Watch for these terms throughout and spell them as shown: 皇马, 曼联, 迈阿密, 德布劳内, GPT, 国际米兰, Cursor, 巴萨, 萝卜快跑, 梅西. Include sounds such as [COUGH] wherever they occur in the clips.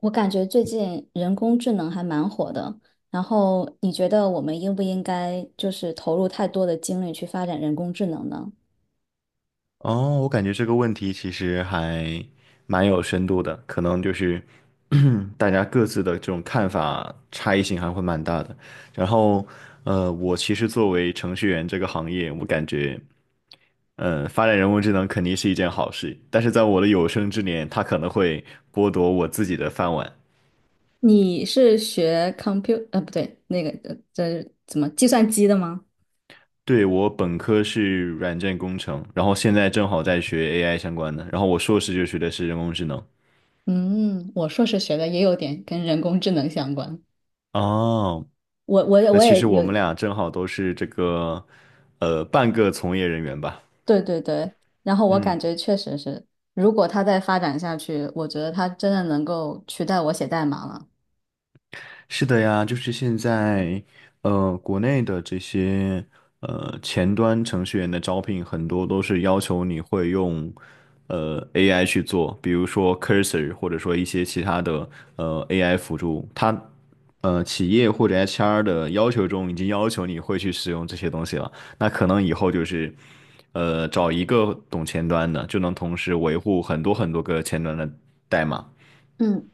我感觉最近人工智能还蛮火的，然后你觉得我们应不应该投入太多的精力去发展人工智能呢？哦，我感觉这个问题其实还蛮有深度的，可能就是 [CLEARS THROAT] 大家各自的这种看法差异性还会蛮大的。然后，我其实作为程序员这个行业，我感觉，发展人工智能肯定是一件好事，但是在我的有生之年，它可能会剥夺我自己的饭碗。你是学 compute 不对，这怎么计算机的吗？对，我本科是软件工程，然后现在正好在学 AI 相关的，然后我硕士就学的是人工智能。嗯，我硕士学的也有点跟人工智能相关。哦，我我也那我其也实我有，们俩正好都是这个，半个从业人员吧。对对对。然后我感嗯。觉确实是，如果它再发展下去，我觉得它真的能够取代我写代码了。是的呀，就是现在，国内的这些前端程序员的招聘，很多都是要求你会用AI 去做，比如说 Cursor,或者说一些其他的AI 辅助。它企业或者 HR 的要求中已经要求你会去使用这些东西了。那可能以后就是找一个懂前端的，就能同时维护很多很多个前端的代码。嗯。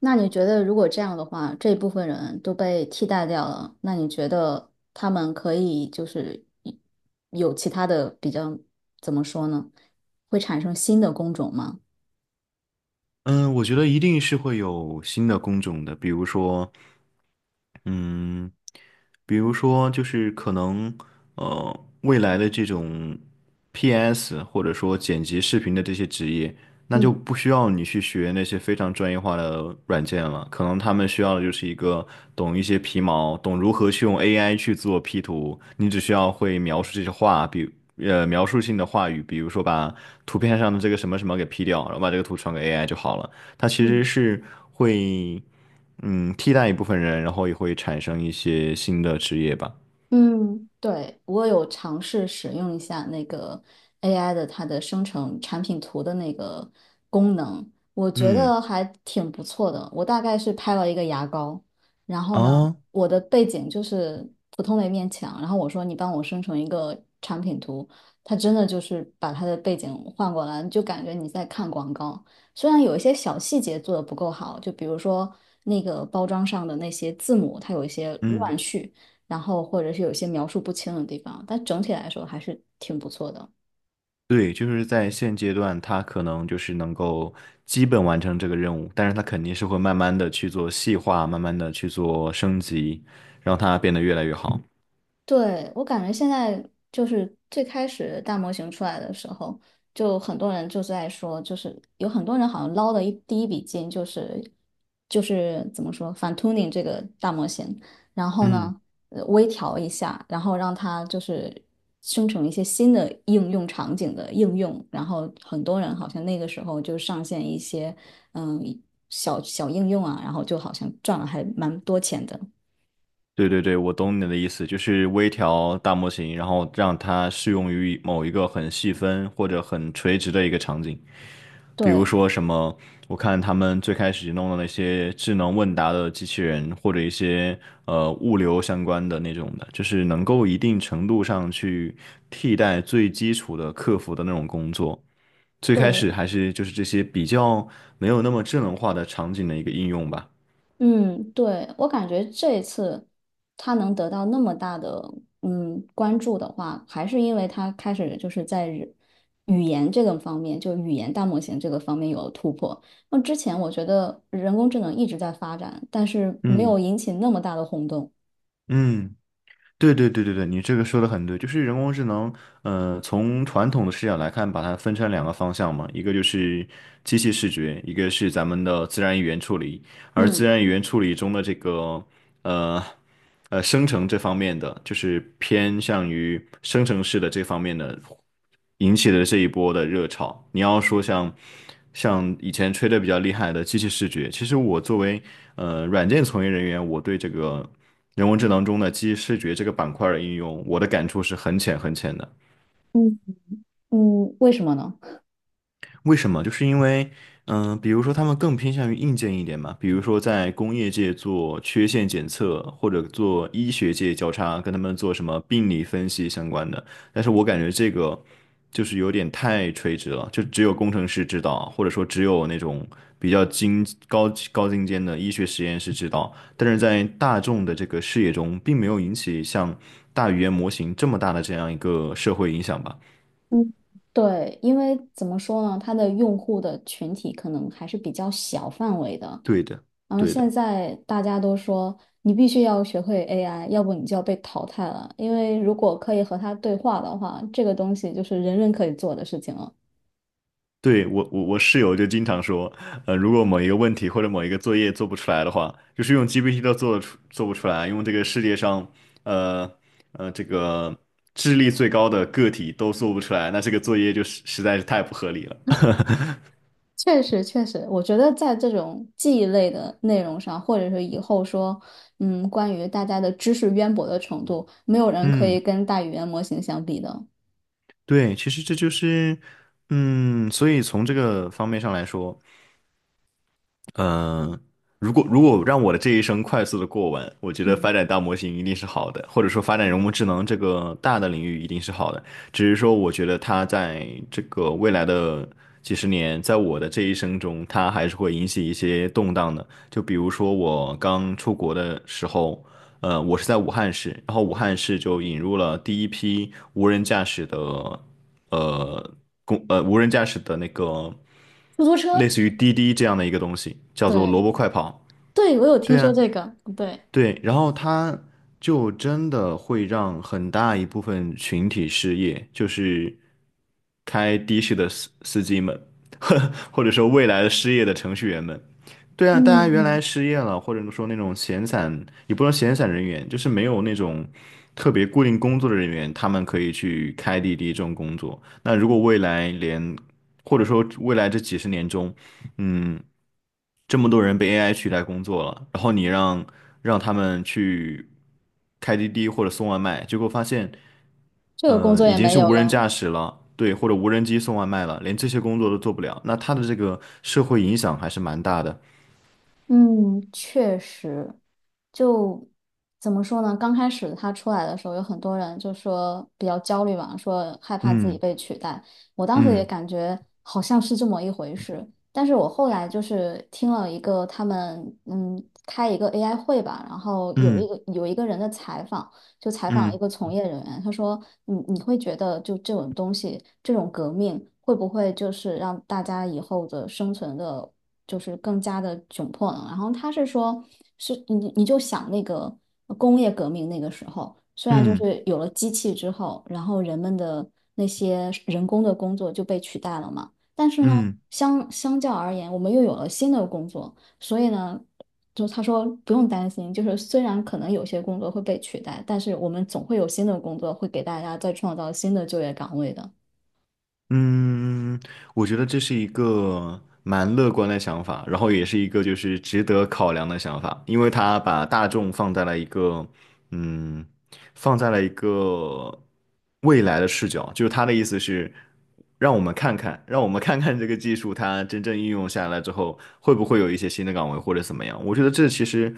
那你觉得，如果这样的话，这部分人都被替代掉了，那你觉得他们可以就是一有其他的比较，怎么说呢？会产生新的工种吗？嗯，我觉得一定是会有新的工种的，比如说，嗯，比如说就是可能未来的这种 PS 或者说剪辑视频的这些职业，那就嗯。不需要你去学那些非常专业化的软件了，可能他们需要的就是一个懂一些皮毛，懂如何去用 AI 去做 P 图，你只需要会描述这些话，描述性的话语，比如说把图片上的这个什么什么给 P 掉，然后把这个图传给 AI 就好了。它其实嗯。是会。嗯，替代一部分人，然后也会产生一些新的职业吧。嗯，对，我有尝试使用一下那个 AI 的它的生成产品图的那个功能，我觉嗯，得还挺不错的。我大概是拍了一个牙膏，然后呢，啊，我的背景就是普通的一面墙，然后我说你帮我生成一个产品图，它真的就是把它的背景换过来，就感觉你在看广告。虽然有一些小细节做的不够好，就比如说那个包装上的那些字母，它有一些乱嗯，序。然后或者是有些描述不清的地方，但整体来说还是挺不错的。对，就是在现阶段，他可能就是能够基本完成这个任务，但是他肯定是会慢慢的去做细化，慢慢的去做升级，让它变得越来越好。对，我感觉现在就是最开始大模型出来的时候，就很多人就在说，就是有很多人好像捞的第一笔金就是怎么说反 tuning 这个大模型，然后嗯，呢微调一下，然后让它就是生成一些新的应用场景的应用，然后很多人好像那个时候就上线一些嗯小小应用啊，然后就好像赚了还蛮多钱的。对对对，我懂你的意思，就是微调大模型，然后让它适用于某一个很细分或者很垂直的一个场景。比如对。说什么，我看他们最开始弄的那些智能问答的机器人，或者一些物流相关的那种的，就是能够一定程度上去替代最基础的客服的那种工作。最开始对，还是就是这些比较没有那么智能化的场景的一个应用吧。嗯，对，我感觉这一次他能得到那么大的嗯关注的话，还是因为他开始就是在语言这个方面，就语言大模型这个方面有了突破。那之前我觉得人工智能一直在发展，但是没有嗯引起那么大的轰动。嗯。对对对对对，你这个说的很对，就是人工智能，从传统的视角来看，把它分成两个方向嘛，一个就是机器视觉，一个是咱们的自然语言处理，而自嗯然语言处理中的这个，呃，生成这方面的，就是偏向于生成式的这方面的，引起的这一波的热潮。你要说像以前吹的比较厉害的机器视觉，其实我作为软件从业人员，我对这个。人工智能中的机器视觉这个板块的应用，我的感触是很浅很浅的。嗯嗯，为什么呢？为什么？就是因为，嗯、比如说他们更偏向于硬件一点嘛，比如说在工业界做缺陷检测，或者做医学界交叉，跟他们做什么病理分析相关的。但是我感觉这个就是有点太垂直了，就只有工程师知道，或者说只有那种比较高尖的医学实验室知道。但是在大众的这个视野中，并没有引起像大语言模型这么大的这样一个社会影响吧？嗯对，因为怎么说呢，它的用户的群体可能还是比较小范围的，对的，然后对现的。在大家都说你必须要学会 AI，要不你就要被淘汰了。因为如果可以和它对话的话，这个东西就是人人可以做的事情了。对，我室友就经常说，如果某一个问题或者某一个作业做不出来的话，就是用 GPT 都做不出来，用这个世界上，呃这个智力最高的个体都做不出来，那这个作业就在是太不合理了。[LAUGHS] 确实，确实，我觉得在这种记忆类的内容上，或者是以后说，嗯，关于大家的知识渊博的程度，没有人可以嗯，跟大语言模型相比的。对，其实这就是，嗯，所以从这个方面上来说。嗯，呃如果让我的这一生快速的过完，我觉得嗯，发展大模型一定是好的，或者说发展人工智能这个大的领域一定是好的。只是说，我觉得它在这个未来的几十年，在我的这一生中，它还是会引起一些动荡的。就比如说我刚出国的时候，我是在武汉市，然后武汉市就引入了第一批无人驾驶的。呃公呃无人驾驶的那个出租类车，似于滴滴这样的一个东西，叫做对，萝卜快跑。对，我有对听说啊，这个，对，对，然后他就真的会让很大一部分群体失业，就是开的士的司机们，[LAUGHS] 或者说未来的失业的程序员们。对啊，大家原嗯，来失业了，或者说那种闲散，也不能闲散人员，就是没有那种特别固定工作的人员，他们可以去开滴滴这种工作。那如果未来连，或者说未来这几十年中，嗯。这么多人被 AI 取代工作了，然后你让他们去开滴滴或者送外卖，结果发现，这个工作已也经没是有无人了。驾驶了，对，或者无人机送外卖了，连这些工作都做不了，那它的这个社会影响还是蛮大的。嗯，确实，就怎么说呢？刚开始他出来的时候，有很多人就说比较焦虑嘛，说害怕自己嗯被取代。我当时也嗯感觉好像是这么一回事，但是我后来就是听了一个他们嗯开一个 AI 会吧，然后有嗯有一个人的采访，就采访一嗯个从业人员，他说你会觉得就这种东西，这种革命会不会就是让大家以后的生存的？就是更加的窘迫了。然后他是说，是你就想那个工业革命那个时候，虽然就嗯是有了机器之后，然后人们的那些人工的工作就被取代了嘛，但是呢，嗯嗯。相较而言，我们又有了新的工作，所以呢。就他说不用担心，就是虽然可能有些工作会被取代，但是我们总会有新的工作会给大家再创造新的就业岗位的。嗯，我觉得这是一个蛮乐观的想法，然后也是一个就是值得考量的想法，因为他把大众放在了一个，嗯，放在了一个未来的视角，就是他的意思是，让我们看看，让我们看看这个技术它真正应用下来之后，会不会有一些新的岗位或者怎么样？我觉得这其实，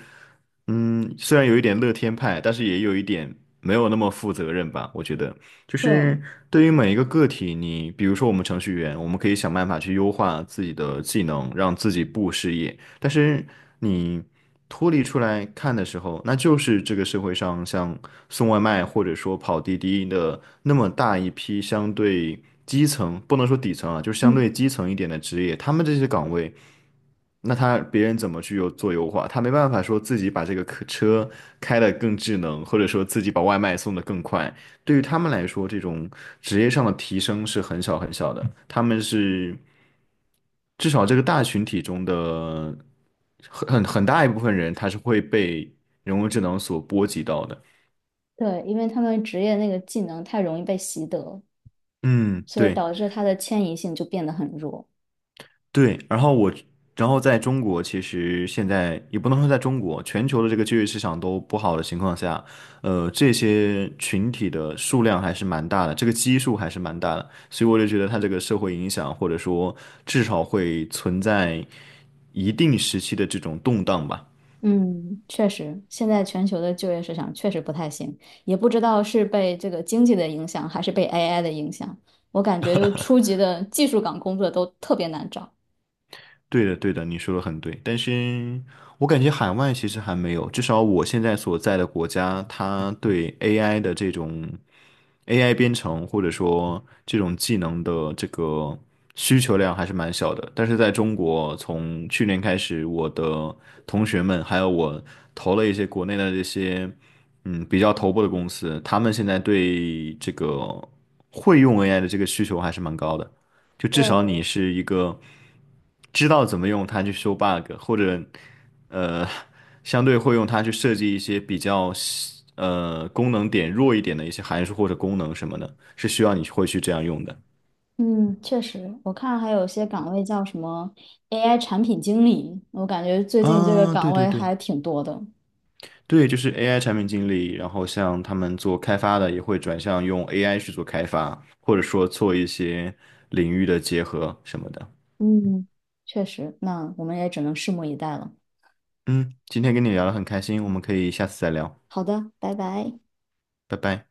嗯，虽然有一点乐天派，但是也有一点没有那么负责任吧，我觉得。就对，是对于每一个个体，你比如说我们程序员，我们可以想办法去优化自己的技能，让自己不失业。但是你脱离出来看的时候，那就是这个社会上像送外卖或者说跑滴滴的那么大一批相对基层，不能说底层啊，就是相嗯，对基层一点的职业，他们这些岗位。那他别人怎么去优化？他没办法说自己把这个客车开得更智能，或者说自己把外卖送得更快。对于他们来说，这种职业上的提升是很小很小的。他们是至少这个大群体中的很很大一部分人，他是会被人工智能所波及到的。对，因为他们职业那个技能太容易被习得。嗯，所以对。导致它的迁移性就变得很弱。对，然后我，然后在中国，其实现在也不能说在中国，全球的这个就业市场都不好的情况下，这些群体的数量还是蛮大的，这个基数还是蛮大的，所以我就觉得它这个社会影响，或者说至少会存在一定时期的这种动荡吧。嗯，确实，现在全球的就业市场确实不太行，也不知道是被这个经济的影响，还是被 AI 的影响。我感觉就初级的技术岗工作都特别难找。对的，对的，你说的很对，但是我感觉海外其实还没有，至少我现在所在的国家，它对 AI 的这种。AI 编程或者说这种技能的这个需求量还是蛮小的。但是在中国，从去年开始，我的同学们还有我投了一些国内的这些比较头部的公司，他们现在对这个会用 AI 的这个需求还是蛮高的。就至少对，你是一个知道怎么用它去修 bug,或者呃相对会用它去设计一些比较功能点弱一点的一些函数或者功能什么的，是需要你会去这样用的。嗯，确实，我看还有些岗位叫什么 AI 产品经理，我感觉最近这个啊，岗对对位对还挺多的。对，就是 AI 产品经理，然后像他们做开发的也会转向用 AI 去做开发，或者说做一些领域的结合什么的。嗯，确实，那我们也只能拭目以待了。嗯，今天跟你聊得很开心，我们可以下次再聊，好的，拜拜。拜拜。